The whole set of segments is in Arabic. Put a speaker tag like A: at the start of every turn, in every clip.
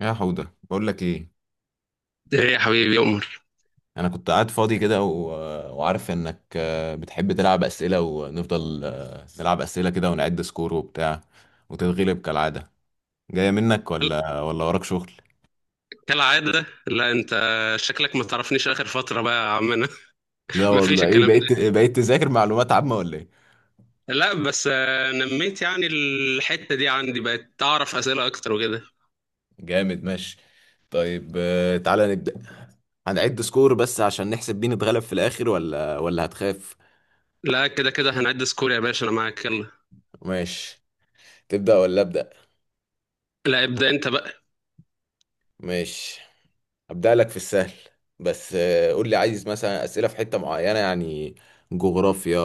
A: يا حودة بقول لك ايه.
B: ايه يا حبيبي يا عمر.
A: انا كنت قاعد فاضي كده وعارف انك بتحب تلعب اسئله ونفضل نلعب اسئله كده ونعد سكور وبتاع وتتغلب كالعاده. جايه منك ولا وراك شغل؟
B: كالعادة، لا. انت شكلك ما تعرفنيش اخر فترة بقى يا عمنا.
A: لا
B: ما فيش
A: والله، ايه
B: الكلام
A: بقيت
B: ده.
A: بقيت تذاكر معلومات عامه ولا ايه؟
B: لا بس نميت يعني الحتة دي عندي، بقت اعرف اسئلة اكتر وكده.
A: جامد، ماشي. طيب تعالى نبدا. هنعد سكور بس عشان نحسب مين اتغلب في الاخر، ولا هتخاف؟
B: لا، كده كده هنعد سكور يا باشا، انا معاك يلا.
A: ماشي. تبدا ولا ابدا؟
B: لا ابدأ انت بقى.
A: ماشي، هبدأ لك في السهل. بس قول لي عايز مثلا أسئلة في حتة معينة، يعني جغرافيا،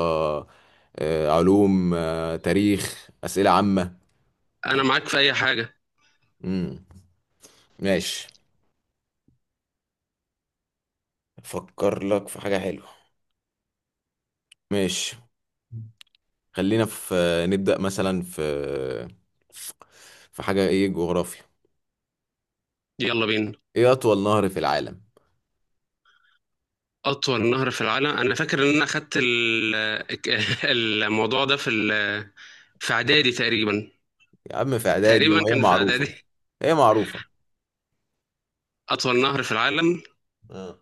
A: علوم، تاريخ، أسئلة عامة.
B: انا معاك في اي حاجة.
A: امم ماشي، أفكر لك في حاجة حلوة. ماشي، خلينا في نبدأ مثلا في في حاجة، إيه، جغرافيا.
B: يلا بينا.
A: إيه أطول نهر في العالم؟
B: اطول نهر في العالم؟ انا فاكر ان انا اخدت الموضوع ده في في اعدادي تقريبا.
A: يا عم في إعدادي
B: تقريبا
A: وهي
B: كان في
A: معروفة.
B: اعدادي.
A: هي معروفة.
B: اطول نهر في العالم.
A: آه.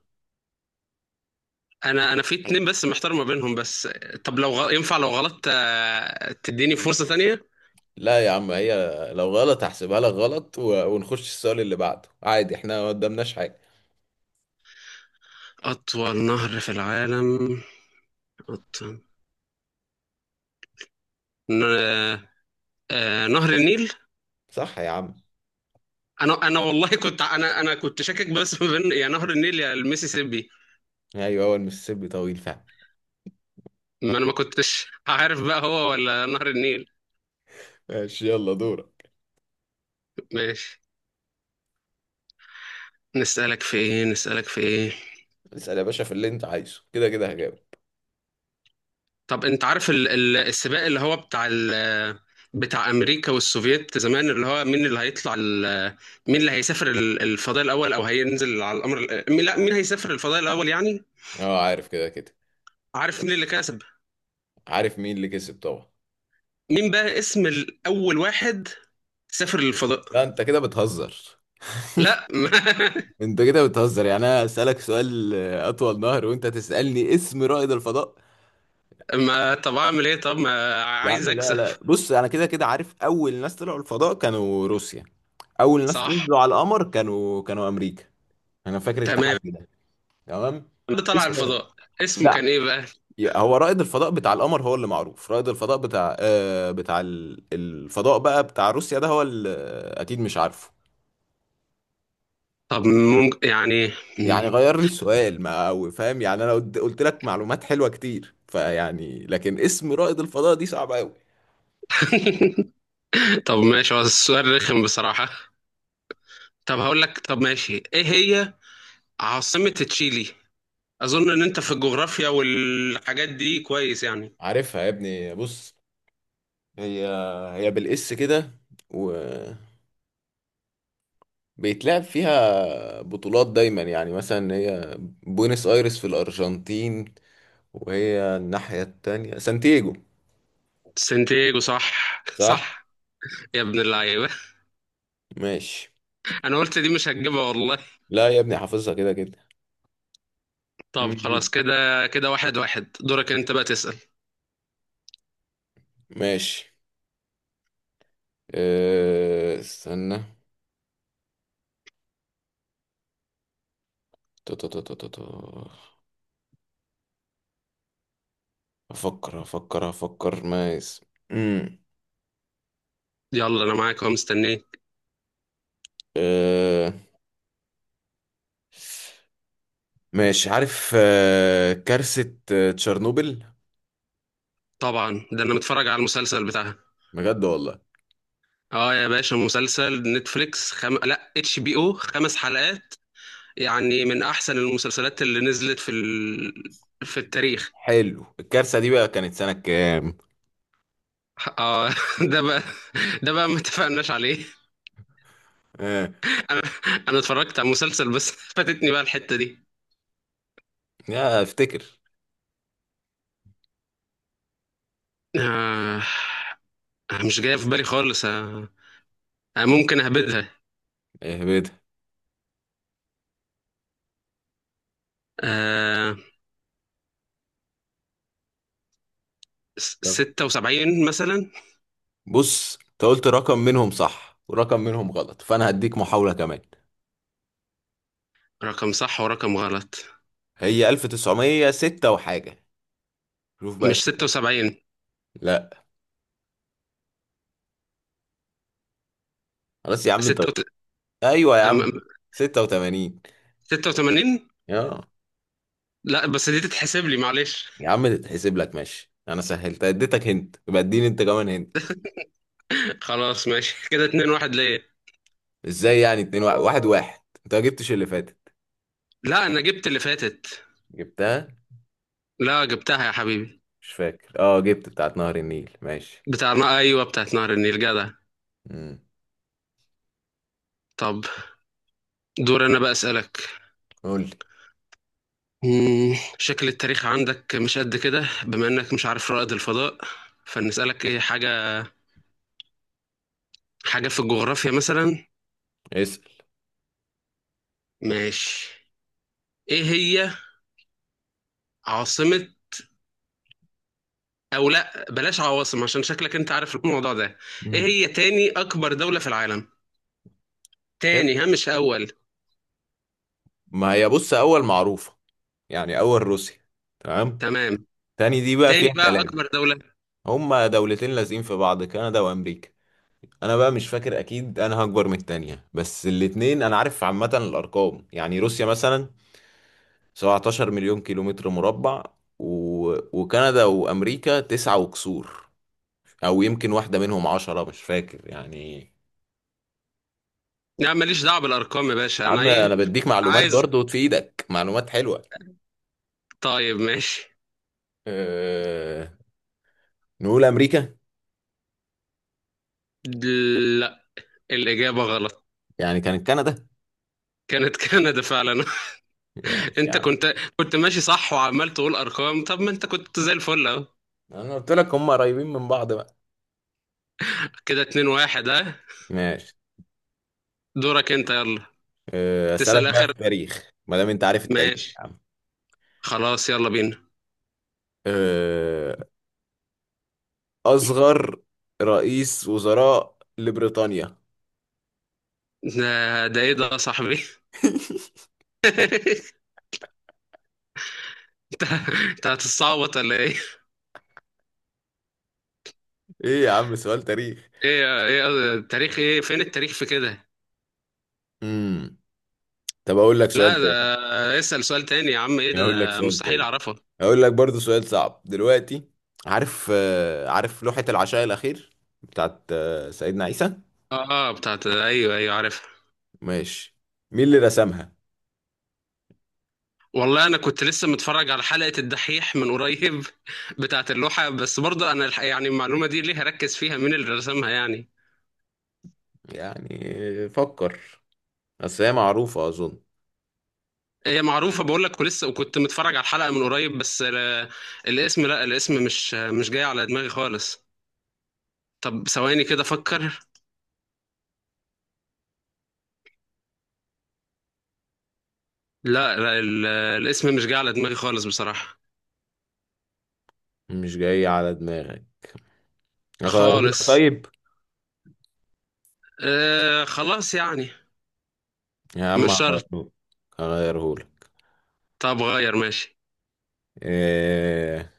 B: انا في اتنين بس محتار ما بينهم. بس طب لو ينفع لو غلطت تديني فرصة تانية؟
A: لا يا عم، هي لو غلط هحسبها لك غلط ونخش السؤال اللي بعده عادي، احنا ما قدامناش حاجة.
B: اطول نهر في العالم. أطول... ن... آه، نهر النيل.
A: صح يا عم.
B: انا والله كنت، انا كنت شاكك، بس ما بين يا نهر النيل يا الميسيسيبي.
A: ايوه هو المسيسيبي طويل فعلا.
B: ما انا ما كنتش عارف بقى هو ولا نهر النيل.
A: ماشي، يلا دورك.
B: ماشي. نسألك في ايه؟
A: اسأل يا باشا في اللي انت عايزه، كده كده هجاوب.
B: طب انت عارف السباق اللي هو بتاع بتاع امريكا والسوفييت زمان، اللي هو مين اللي هيطلع مين اللي هيسافر الفضاء الاول، او هينزل على القمر؟ لا، مين هيسافر الفضاء الاول يعني.
A: اه عارف، كده كده
B: عارف مين اللي كسب؟
A: عارف مين اللي كسب طبعا.
B: مين بقى اسم الاول واحد سافر للفضاء؟
A: لا انت كده بتهزر.
B: لا
A: انت كده بتهزر، يعني انا اسألك سؤال اطول نهر وانت تسألني اسم رائد الفضاء؟
B: ما طب اعمل ايه، طب ما
A: يا
B: عايز
A: عم لا
B: اكسب.
A: لا بص، انا كده كده عارف اول ناس طلعوا الفضاء كانوا روسيا، اول ناس
B: صح.
A: نزلوا على القمر كانوا امريكا. انا فاكر
B: تمام.
A: التحدي ده. تمام.
B: اللي طلع
A: اسم؟
B: الفضاء اسمه
A: لا.
B: كان ايه بقى؟
A: هو رائد الفضاء بتاع القمر هو اللي معروف، رائد الفضاء بتاع آه بتاع الفضاء بقى بتاع روسيا ده هو اللي اكيد مش عارفه.
B: طب ممكن يعني.
A: يعني غير لي السؤال، ما أو فاهم يعني، انا قلت لك معلومات حلوة كتير فيعني، لكن اسم رائد الفضاء دي صعبة قوي.
B: طب ماشي، هو السؤال رخم بصراحة. طب هقول لك، طب ماشي، ايه هي عاصمة تشيلي؟ اظن ان انت في الجغرافيا والحاجات دي كويس يعني.
A: عارفها يا ابني، بص. هي بالاس كده، وبيتلعب فيها بطولات دايما، يعني مثلا هي بوينس ايرس في الارجنتين، وهي الناحية التانية سانتياجو.
B: سانتياغو صح.
A: صح.
B: صح. يا ابن اللعيبة،
A: ماشي،
B: انا قلت دي مش هتجيبها والله.
A: لا يا ابني حافظها كده كده.
B: طب
A: مم.
B: خلاص كده كده، واحد واحد. دورك انت بقى تسأل.
A: ماشي. استنى. تو- تو- تو- تو- تو- تو. افكر افكر افكر مايس. امم
B: يلا انا معاك اهو مستنيك.
A: أه... ماشي. عارف كارثة تشيرنوبل؟
B: طبعا، ده انا متفرج على المسلسل بتاعها.
A: بجد والله.
B: اه يا باشا، مسلسل نتفليكس، لا اتش بي او، خمس حلقات. يعني من احسن المسلسلات اللي نزلت في في التاريخ.
A: حلو، الكارثة دي بقى كانت سنة كام؟
B: اه ده بقى، ده بقى ما اتفقناش عليه.
A: أه...
B: انا انا اتفرجت على مسلسل بس فاتتني بقى الحتة دي.
A: يا افتكر.
B: آه، مش جاية في بالي خالص. آه، ممكن اهبدها.
A: اهبدها.
B: آه،
A: يلا.
B: 76 مثلا.
A: بص انت قلت رقم منهم صح ورقم منهم غلط، فانا هديك محاولة كمان.
B: رقم صح ورقم غلط.
A: هي 1906 وحاجة؟ شوف بقى.
B: مش 76.
A: لا. خلاص يا عم انت.
B: ستة
A: ايوه يا عم.
B: أم-
A: 86.
B: 86.
A: يا،
B: لا بس دي تتحسب لي معلش.
A: يا عم تتحسب لك ماشي، انا سهلت اديتك هنت، يبقى اديني انت كمان هنت.
B: خلاص ماشي كده، 2-1 ليا.
A: ازاي يعني اتنين واحد؟ انت ما جبتش اللي فاتت.
B: لا انا جبت اللي فاتت.
A: جبتها.
B: لا جبتها يا حبيبي.
A: مش فاكر. اه، جبت بتاعت نهر النيل، ماشي.
B: ايوه بتاعت نهر النيل، جدع.
A: امم
B: طب دور انا بقى اسالك.
A: قول لي.
B: شكل التاريخ عندك مش قد كده، بما انك مش عارف رائد الفضاء. فنسألك ايه حاجة، حاجة في الجغرافيا مثلا.
A: اسال.
B: ماشي. ايه هي عاصمة، او لا بلاش عواصم عشان شكلك انت عارف الموضوع ده. ايه
A: امم
B: هي تاني اكبر دولة في العالم؟ تاني ها، مش اول.
A: ما هي بص، اول معروفه، يعني اول روسيا. تمام.
B: تمام.
A: تاني دي بقى
B: تاني
A: فيها
B: بقى
A: كلام.
B: اكبر دولة.
A: هما دولتين لازقين في بعض، كندا وامريكا. انا بقى مش فاكر اكيد انا هكبر من التانية، بس الاتنين انا عارف عامة الارقام، يعني روسيا مثلا 17 مليون كيلومتر مربع، و... وكندا وامريكا 9 وكسور، او يمكن واحدة منهم 10، مش فاكر يعني.
B: لا ماليش دعوة بالارقام يا باشا،
A: يا
B: انا
A: عم انا
B: ايه
A: بديك معلومات
B: عايز.
A: برضو، في ايدك معلومات حلوة.
B: طيب ماشي.
A: أه... نقول امريكا.
B: لا الإجابة غلط.
A: يعني كانت كندا.
B: كانت كندا فعلا.
A: ماشي يا
B: انت
A: عم،
B: كنت ماشي صح، وعمال تقول ارقام. طب ما انت كنت زي الفل اهو.
A: انا قلت لك هم قريبين من بعض بقى.
B: كده اتنين واحد، اه.
A: ماشي.
B: دورك انت يلا.
A: اسألك
B: تسأل
A: بقى في
B: اخر.
A: التاريخ ما دام انت عارف التاريخ يا
B: ماشي.
A: عم.
B: خلاص يلا بينا.
A: آه، أصغر رئيس وزراء لبريطانيا.
B: ده ايه ده يا صاحبي؟ انت انت هتتصعبط ولا ايه؟
A: إيه يا عم، سؤال تاريخ.
B: ايه التاريخ، ايه فين التاريخ في كده؟
A: امم طب أقول لك سؤال
B: لا
A: تاني.
B: ده، اسأل سؤال تاني يا عم، ايه ده،
A: أقول لك
B: ده
A: سؤال
B: مستحيل
A: تاني.
B: اعرفه.
A: أقول لك برضو سؤال صعب دلوقتي. عارف عارف لوحة العشاء الأخير بتاعت سيدنا عيسى؟
B: اه بتاعت، ايوه ايوه، عارف.
A: ماشي. مين اللي رسمها؟
B: والله انا كنت لسه متفرج على حلقة الدحيح من قريب بتاعة اللوحة، بس برضه انا الحقيقة يعني، المعلومة دي ليه هركز فيها مين اللي رسمها يعني؟
A: يعني فكر، أصل هي معروفة أظن.
B: هي معروفة بقول لك، ولسه وكنت متفرج على الحلقة من قريب، بس الاسم، لا الاسم مش جاي على دماغي خالص. طب ثواني كده افكر. لا لا، الاسم مش جاي على دماغي خالص بصراحة.
A: مش جاي على دماغك؟ أغيرهولك
B: خالص.
A: طيب.
B: آه خلاص يعني.
A: يا عم
B: مش شرط.
A: هغيرهولك. هغيرهولك.
B: طب غير، ماشي.
A: إيه...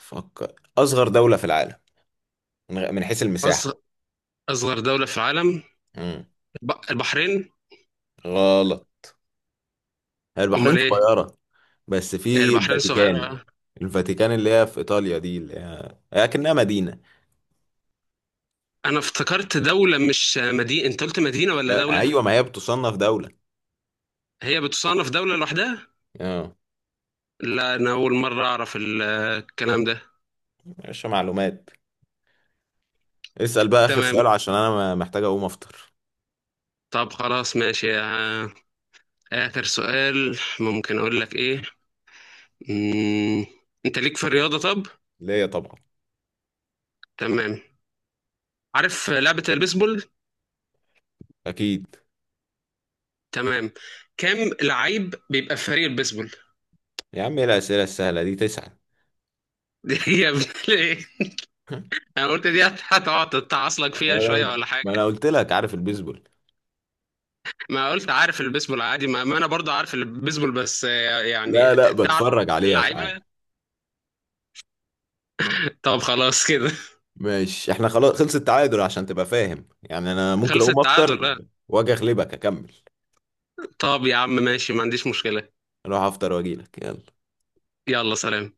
A: فكر، أصغر دولة في العالم من حيث
B: أصغر
A: المساحة.
B: أصغر دولة في العالم.
A: مم.
B: البحرين.
A: غلط. هي البحرين
B: أمال إيه؟
A: صغيرة بس، في
B: البحرين
A: الفاتيكان.
B: صغيرة.
A: الفاتيكان اللي هي في إيطاليا دي، اللي هي كأنها مدينة.
B: انا افتكرت دولة مش مدينة، انت قلت مدينة ولا دولة؟
A: أيوة، ما هي بتصنف دولة.
B: هي بتصنف دولة لوحدها.
A: اه.
B: لا انا اول مرة اعرف الكلام ده.
A: مش معلومات. اسأل بقى آخر
B: تمام.
A: سؤال عشان أنا محتاج أقوم أفطر.
B: طب خلاص ماشي، اخر سؤال ممكن اقول لك ايه. مم. انت ليك في الرياضة طب؟
A: ليا طبعا.
B: تمام. عارف لعبة البيسبول؟
A: أكيد.
B: تمام. كام لعيب بيبقى في فريق البيسبول؟
A: يا عم إيه الأسئلة السهلة دي، تسعة.
B: دي هي بت- انا قلت دي هتقعد تتعصلك فيها شوية
A: أنا،
B: ولا
A: ما
B: حاجة.
A: أنا قلت لك عارف البيسبول.
B: ما قلت عارف البيسبول عادي، ما انا برضه عارف البيسبول، بس يعني.
A: لا
B: تعرف
A: بتفرج عليها ساعات.
B: اللعيبه. طب خلاص كده.
A: ماشي احنا خلاص، خلص التعادل عشان تبقى فاهم، يعني انا ممكن
B: خلص
A: اقوم
B: التعادل،
A: افطر
B: آه.
A: واجي اغلبك اكمل.
B: طب يا عم ماشي، ما عنديش مشكله.
A: اروح افطر واجيلك، يلا.
B: يلا سلام.